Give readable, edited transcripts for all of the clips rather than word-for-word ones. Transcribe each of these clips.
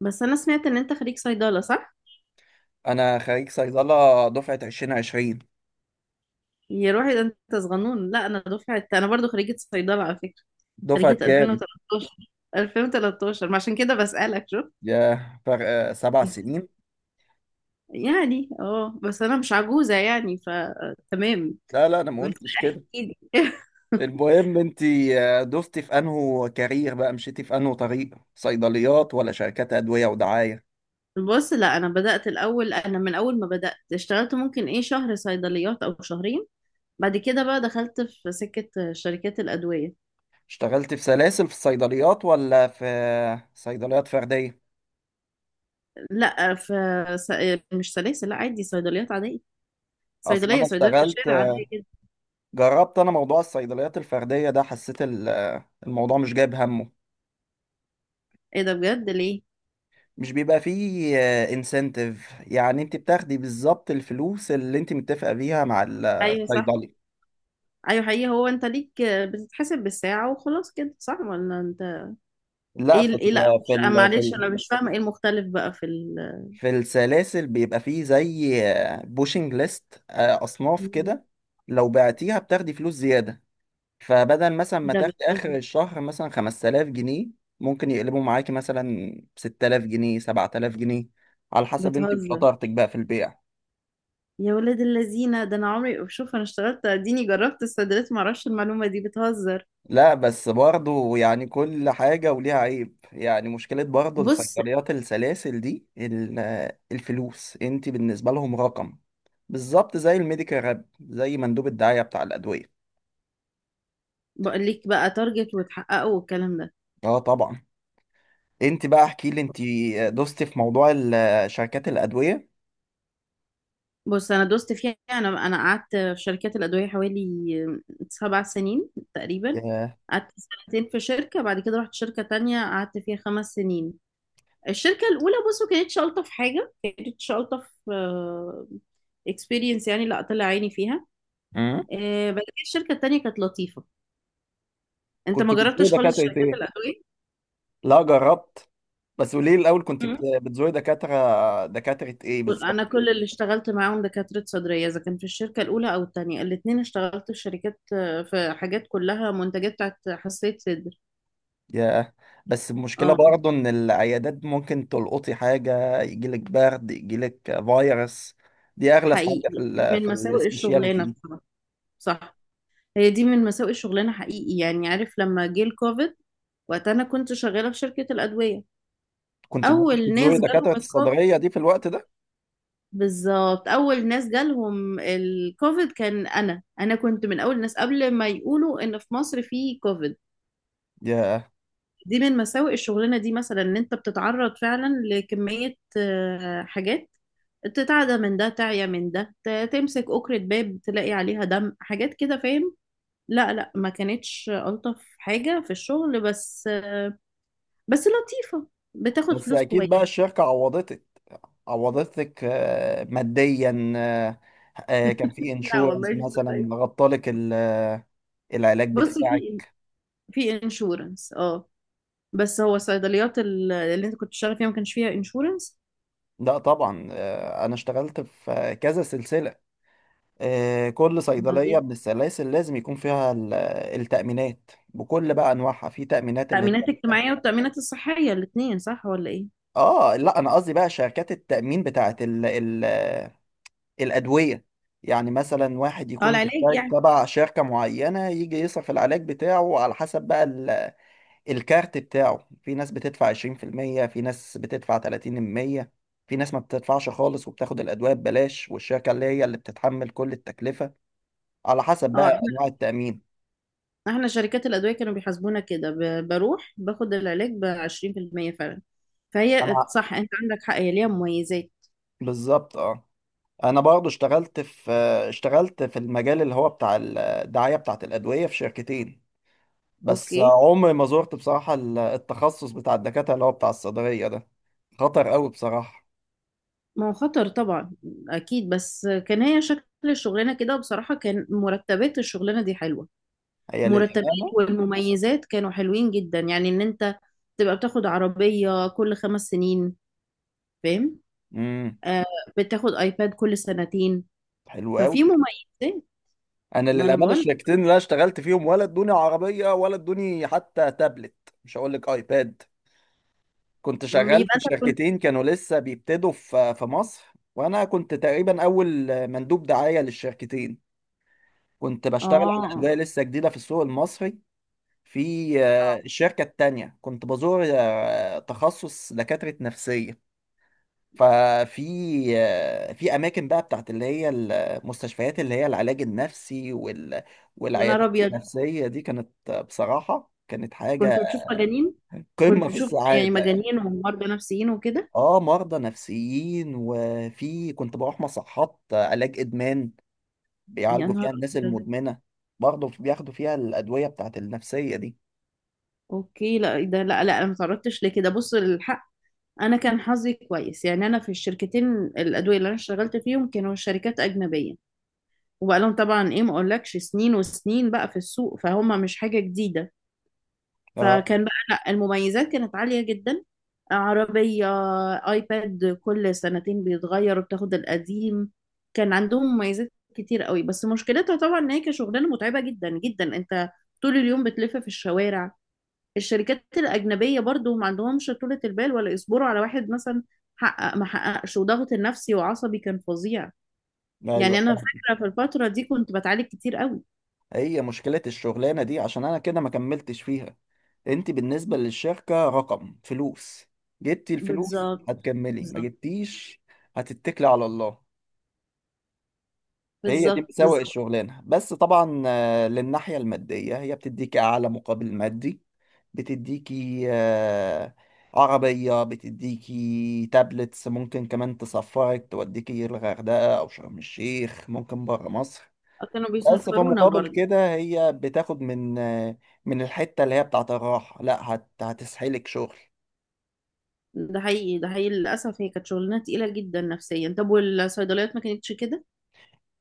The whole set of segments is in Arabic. بس انا سمعت ان انت خريج صيدله، صح؟ انا خريج صيدله دفعه 2020. يا روحي، ده انت صغنون. لا، انا دفعت، انا برضو خريجه صيدله على فكره. دفعه خريجه كام؟ 2013. 2013 ما عشان كده بسالك. شو يا فرق 7 سنين. يعني، بس انا مش عجوزه يعني، فتمام. لا، لا، انا ما بس قلتش كده. احكي لي. المهم انت. دوستي في انهو كارير، بقى مشيتي في انهو طريق، صيدليات ولا شركات ادويه ودعايه؟ بص، لا انا بدات الاول، انا من اول ما بدات اشتغلت ممكن ايه شهر صيدليات او شهرين. بعد كده بقى دخلت في سكه شركات الادويه. اشتغلت في سلاسل في الصيدليات ولا في صيدليات فرديه؟ لا، في س- مش سلاسل، لا عادي صيدليات عاديه. اصلا صيدلية انا صيدلية في اشتغلت، الشارع، عادية جدا. جربت انا موضوع الصيدليات الفرديه ده، حسيت الموضوع مش جايب همه. ايه ده بجد؟ ليه؟ مش بيبقى فيه انسنتيف، يعني انت بتاخدي بالظبط الفلوس اللي انت متفقه بيها مع ايوه صح. الصيدلي. ايوه حقيقي. هو انت ليك بتتحسب بالساعة وخلاص كده، صح ولا انت؟ لا، ايه ال- ايه لا، مش، في ال في معلش ال انا مش فاهمة ايه المختلف بقى في ال. في السلاسل بيبقى فيه زي بوشنج ليست اصناف مم. كده. لو بعتيها بتاخدي فلوس زياده، فبدل مثلا إيه ما ده، تاخدي بتهزر؟ اخر الشهر مثلا 5000 جنيه، ممكن يقلبوا معاكي مثلا 6000 جنيه، 7000 جنيه، على حسب انت بتهزر؟ وشطارتك بقى في البيع. يا ولاد اللذينة، ده انا عمري شوف انا اشتغلت اديني جربت الصيدليات معرفش المعلومة دي. بتهزر؟ لا بس برضه، يعني كل حاجة وليها عيب، يعني مشكلة برضه بص، الصيدليات السلاسل دي، الفلوس، انت بالنسبة لهم رقم، بالظبط زي الميديكال راب، زي مندوب الدعاية بتاع الأدوية. بقول لك بقى تارجت وتحققه والكلام ده. اه، طبعا. انت بقى احكي لي، انت دوستي في موضوع شركات الأدوية. بص، انا دوست فيها، انا قعدت في شركات الادويه حوالي 7 سنين تقريبا. ياه. قعدت سنتين في شركه، بعد كده رحت شركه تانية قعدت فيها 5 سنين. الشركه الاولى بصوا كانت شلطه في حاجه، كانت شلطه في اكسبيرينس يعني، لا طلع عيني فيها. مم. بعد كده الشركه التانية كانت لطيفه. انت كنت ما بتزوري جربتش خالص دكاترة شركات ايه؟ الادويه؟ لا، جربت. بس قولي لي الأول، كنت مم. بتزوري دكاترة ايه انا بالظبط؟ كل اللي اشتغلت معاهم دكاتره صدريه، اذا كان في الشركه الاولى او التانية الاتنين اشتغلت في شركات، في حاجات كلها منتجات بتاعت حساسيه صدر. ياه. بس المشكلة اه، برضه إن العيادات ممكن تلقطي حاجة، يجيلك برد، يجيلك فيروس. دي أغلى حاجة حقيقي دي من في مساوئ السبيشياليتي الشغلانه دي. بصراحه. صح. هي دي من مساوئ الشغلانه حقيقي يعني، عارف لما جه الكوفيد؟ وقت انا كنت شغاله في شركه الادويه كنت اول ممكن ناس تزوري جالهم دكاترة الكوفيد. الصدرية دي في الوقت ده؟ بالظبط اول ناس جالهم الكوفيد كان انا، انا كنت من اول الناس قبل ما يقولوا ان في مصر في كوفيد. ياه. دي من مساوئ الشغلانه دي مثلا، ان انت بتتعرض فعلا لكميه، حاجات تتعدى من ده، تعيا من ده، تمسك أكرة باب تلاقي عليها دم، حاجات كده، فاهم؟ لا لا، ما كانتش ألطف حاجة في الشغل، بس لطيفة، بتاخد بس فلوس أكيد كويس. بقى الشركة عوضتك. ماديا، كان في لا والله، انشورنس مش مثلا طيب. غطالك العلاج بص، في بتاعك. في انشورنس اه. بس هو الصيدليات اللي انت كنت بتشتغل فيها ما كانش فيها انشورنس؟ لا، طبعا، أنا اشتغلت في كذا سلسلة. كل صيدلية من السلاسل لازم يكون فيها التأمينات بكل بقى أنواعها، في تأمينات اللي هي. التأمينات الاجتماعية والتأمينات الصحية الاتنين، صح ولا ايه؟ آه، لا، أنا قصدي بقى شركات التأمين بتاعة الأدوية. يعني مثلا واحد اه، يكون العلاج مشترك يعني. تبع شركة معينة يجي يصرف العلاج بتاعه على حسب بقى الكارت بتاعه، في ناس بتدفع 20% في المية، في ناس بتدفع 30% في المية، في ناس ما بتدفعش خالص وبتاخد الأدوية ببلاش، والشركة اللي بتتحمل كل التكلفة، على حسب اه، بقى احنا أنواع التأمين. احنا شركات الأدوية كانوا بيحاسبونا كده، بروح باخد العلاج ب 20% فعلا، فهي صح، انت عندك حق، هي ليها مميزات. بالظبط، اه. انا برضو اشتغلت في المجال اللي هو بتاع الدعاية بتاعت الأدوية في شركتين. بس اوكي. عمري ما زرت بصراحة التخصص بتاع الدكاترة اللي هو بتاع الصيدلية ده، خطر قوي بصراحة. ما هو خطر طبعا، اكيد، بس كان هي شكل الشغلانه كده بصراحه، كان مرتبات الشغلانه دي حلوه. هي مرتبات للأمانة. والمميزات كانوا حلوين جدا، يعني ان انت تبقى بتاخد عربيه كل 5 سنين، فاهم؟ امم. آه. بتاخد ايباد كل سنتين. حلو ففي قوي. مميزات. انا ما انا للأمانة بقول، الشركتين اللي انا اشتغلت فيهم ولا ادوني عربية، ولا ادوني حتى تابلت، مش هقول لك ايباد. كنت شغال يبقى في انت كنت. شركتين كانوا لسه بيبتدوا في مصر، وانا كنت تقريبا اول مندوب دعاية للشركتين، كنت اه. بشتغل على اه. أداة لسه جديدة في السوق المصري. في آه. الشركة التانية كنت بزور تخصص دكاترة نفسية. ففي في أماكن بقى بتاعت اللي هي المستشفيات، اللي هي العلاج النفسي يا نهار والعيادات ابيض، النفسية دي، كانت بصراحة كانت حاجة كنت بتشوف مجانين؟ كنت قمة في بتشوف يعني السعادة. مجانين ومرضى نفسيين وكده. اه، مرضى نفسيين، وفي كنت بروح مصحات علاج إدمان، يا بيعالجوا فيها نهار الناس ابيض. المدمنة، برضه بياخدوا فيها الأدوية بتاعت النفسية دي. اوكي لا ده، لا لا انا ما تعرضتش لكده. بص الحق، انا كان حظي كويس يعني، انا في الشركتين الادويه اللي انا اشتغلت فيهم كانوا شركات اجنبيه، وبقى لهم طبعا ايه ما اقولكش سنين وسنين بقى في السوق، فهم مش حاجه جديده، آه. فكان بقى لا المميزات كانت عاليه جدا. عربيه، ايباد كل سنتين بيتغير وبتاخد القديم. كان عندهم مميزات كتير قوي، بس مشكلتها طبعا ان هي كشغلانه متعبه جدا جدا. انت طول اليوم بتلف في الشوارع. الشركات الأجنبية برضو ما عندهمش طولة البال، ولا يصبروا على واحد مثلا حقق ما حققش، وضغط النفسي وعصبي كان فظيع. يعني ايوه، أنا فاهم. فاكرة في الفترة دي كنت بتعالج كتير قوي. هي مشكلة الشغلانة دي عشان انا كده ما كملتش فيها. انت بالنسبة للشركة رقم، فلوس، جبتي الفلوس بالظبط هتكملي، ما بالظبط. جبتيش هتتكلي على الله. هي دي بالظبط مساوئ بالظبط. الشغلانة، بس طبعا للناحية المادية هي بتديكي اعلى مقابل مادي، بتديكي عربية، بتديكي تابلتس، ممكن كمان تسفرك، توديكي الغردقة او شرم الشيخ، ممكن برا مصر. كانوا بس في بيسفرونا مقابل برضو. كده هي بتاخد من الحتة اللي هي بتاعت الراحة، لا، هتسحلك شغل. ده حقيقي. ده حقيقي، للأسف هي كانت شغلانة تقيلة جدا نفسيا. طب والصيدليات ما كانتش كده؟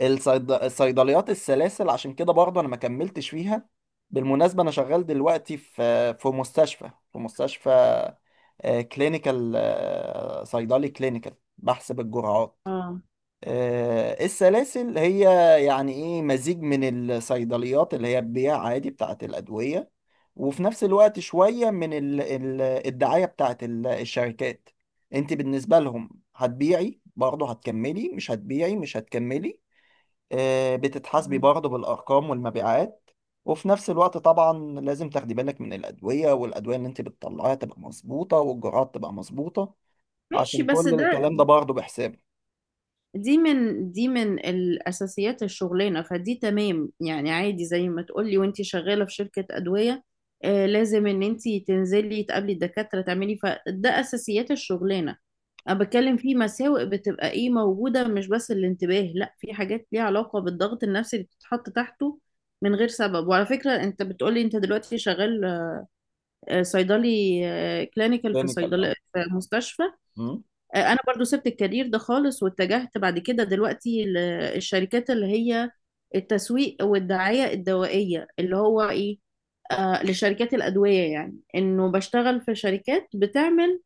الصيدليات السلاسل عشان كده برضه انا ما كملتش فيها. بالمناسبة انا شغال دلوقتي في مستشفى، في مستشفى كلينيكال، صيدلي كلينيكال، بحسب الجرعات. اه. السلاسل هي يعني ايه؟ مزيج من الصيدليات اللي هي بتبيع عادي بتاعت الأدوية، وفي نفس الوقت شوية من الدعاية بتاعت الشركات. انت بالنسبة لهم، هتبيعي برضه هتكملي، مش هتبيعي مش هتكملي. بتتحاسبي مم. برضه بالأرقام والمبيعات، وفي نفس الوقت طبعا لازم تاخدي بالك من الأدوية، والأدوية اللي انت بتطلعيها تبقى مظبوطة، والجرعات تبقى مظبوطة، ماشي، عشان بس كل ده الكلام ده برضه بحساب. دي من دي من الأساسيات الشغلانة، فدي تمام يعني عادي، زي ما تقولي وانتي شغالة في شركة أدوية، آه لازم ان انتي تنزلي تقابلي الدكاترة تعملي، فده أساسيات الشغلانة. أنا بتكلم في مساوئ بتبقى ايه موجودة، مش بس الانتباه، لا في حاجات ليها علاقة بالضغط النفسي اللي بتتحط تحته من غير سبب. وعلى فكرة انت بتقولي انت دلوقتي شغال، صيدلي كلينيكال في كلينيكال، صيدلة في مستشفى. اه. انا برضو سبت الكارير ده خالص واتجهت بعد كده دلوقتي للشركات اللي هي التسويق والدعاية الدوائية اللي هو ايه، آه لشركات الأدوية، يعني انه بشتغل في شركات بتعمل،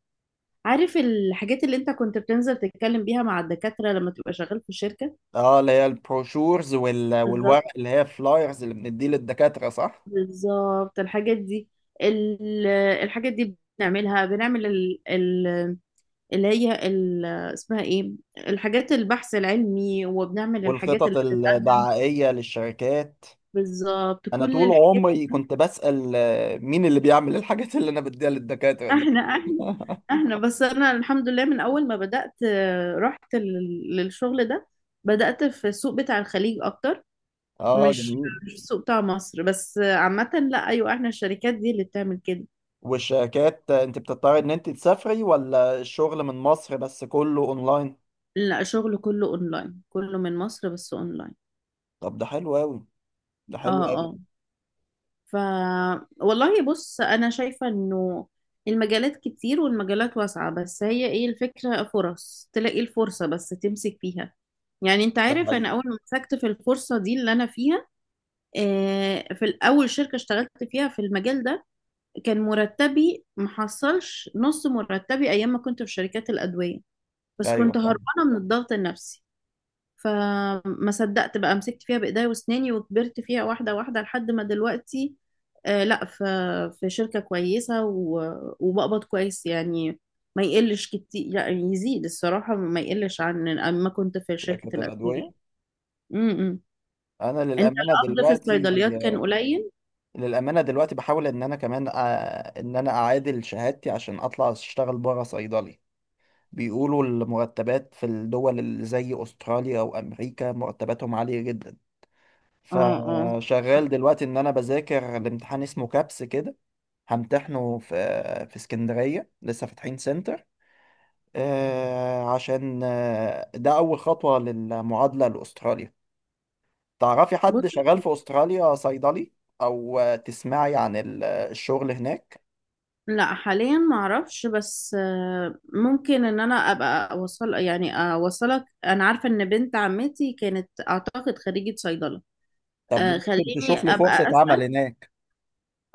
عارف الحاجات اللي انت كنت بتنزل تتكلم بيها مع الدكاترة لما تبقى شغال في شركة. اه، اللي هي البروشورز والورق، بالظبط اللي هي فلايرز اللي بنديه للدكاترة، صح؟ بالظبط الحاجات دي. ال- الحاجات دي بنعملها، بنعمل ال اللي هي اسمها ايه، الحاجات البحث العلمي، وبنعمل الحاجات والخطط اللي بتتقدم. الدعائية للشركات. بالظبط انا كل طول الحاجات عمري دي. كنت بسأل، مين اللي بيعمل الحاجات اللي انا بديها للدكاترة دي؟ احنا احنا احنا بس انا الحمد لله، من اول ما بدأت رحت للشغل ده، بدأت في السوق بتاع الخليج اكتر، اه، مش جميل. مش السوق بتاع مصر بس، آه عامة. لا ايوه، احنا الشركات دي اللي بتعمل كده. والشركات، انت بتضطري ان انت تسافري ولا الشغل من مصر بس كله اونلاين؟ لا، شغل كله اونلاين، كله من مصر بس اونلاين. طب ده حلو قوي. ده اه. حلو قوي. اه. ف والله بص، انا شايفة انه المجالات كتير والمجالات واسعة، بس هي ايه الفكرة، فرص تلاقي الفرصة بس تمسك فيها. يعني انت ده عارف حقيقي. انا اول ما مسكت في الفرصة دي اللي انا فيها، في الاول شركة اشتغلت فيها في المجال ده، كان مرتبي محصلش نص مرتبي ايام ما كنت في شركات الادوية، بس ايوه، كنت فاهم. هربانة من الضغط النفسي، فما صدقت بقى، مسكت فيها بايديا واسناني، وكبرت فيها واحده واحده لحد ما دلوقتي، آه لا في شركه كويسه، وبقبض كويس يعني، ما يقلش كتير يعني، يزيد الصراحه، ما يقلش عن ما كنت في شركه شركات الادويه. الادوية. إمم. انا انت للامانة القبض في دلوقتي، الصيدليات كان قليل. للأمانة دلوقتي بحاول إن أنا كمان إن أنا أعادل شهادتي عشان أطلع أشتغل برا صيدلي. بيقولوا المرتبات في الدول اللي زي أستراليا أو أمريكا مرتباتهم عالية جدا، اه. اه. فشغال دلوقتي إن أنا بذاكر الامتحان، اسمه كابس كده، همتحنه في اسكندرية، لسه فاتحين سنتر. عشان ده أول خطوة للمعادلة لأستراليا. تعرفي حد بص شغال في أستراليا صيدلي، أو تسمعي عن الشغل هناك؟ لا، حاليا ما اعرفش، بس ممكن ان انا ابقى اوصل يعني اوصلك، انا عارفه ان بنت عمتي كانت اعتقد خريجه صيدله. طب دي آه، ممكن خليني تشوف لي فرصة ابقى عمل اسال. هناك.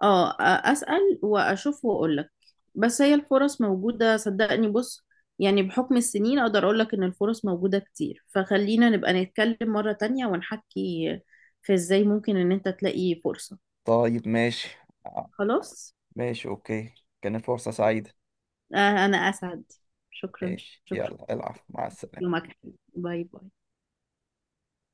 اه، اسال واشوف واقول لك. بس هي الفرص موجوده، صدقني بص، يعني بحكم السنين اقدر اقول لك ان الفرص موجوده كتير، فخلينا نبقى نتكلم مره تانية ونحكي في ازاي ممكن ان انت تلاقي فرصه. طيب، ماشي. آه، خلاص. ماشي، اوكي. كانت فرصة سعيدة. آه، انا اسعد. شكرا. ماشي، شكرا. يلا، العب، مع السلامة. يومك حلو. باي باي.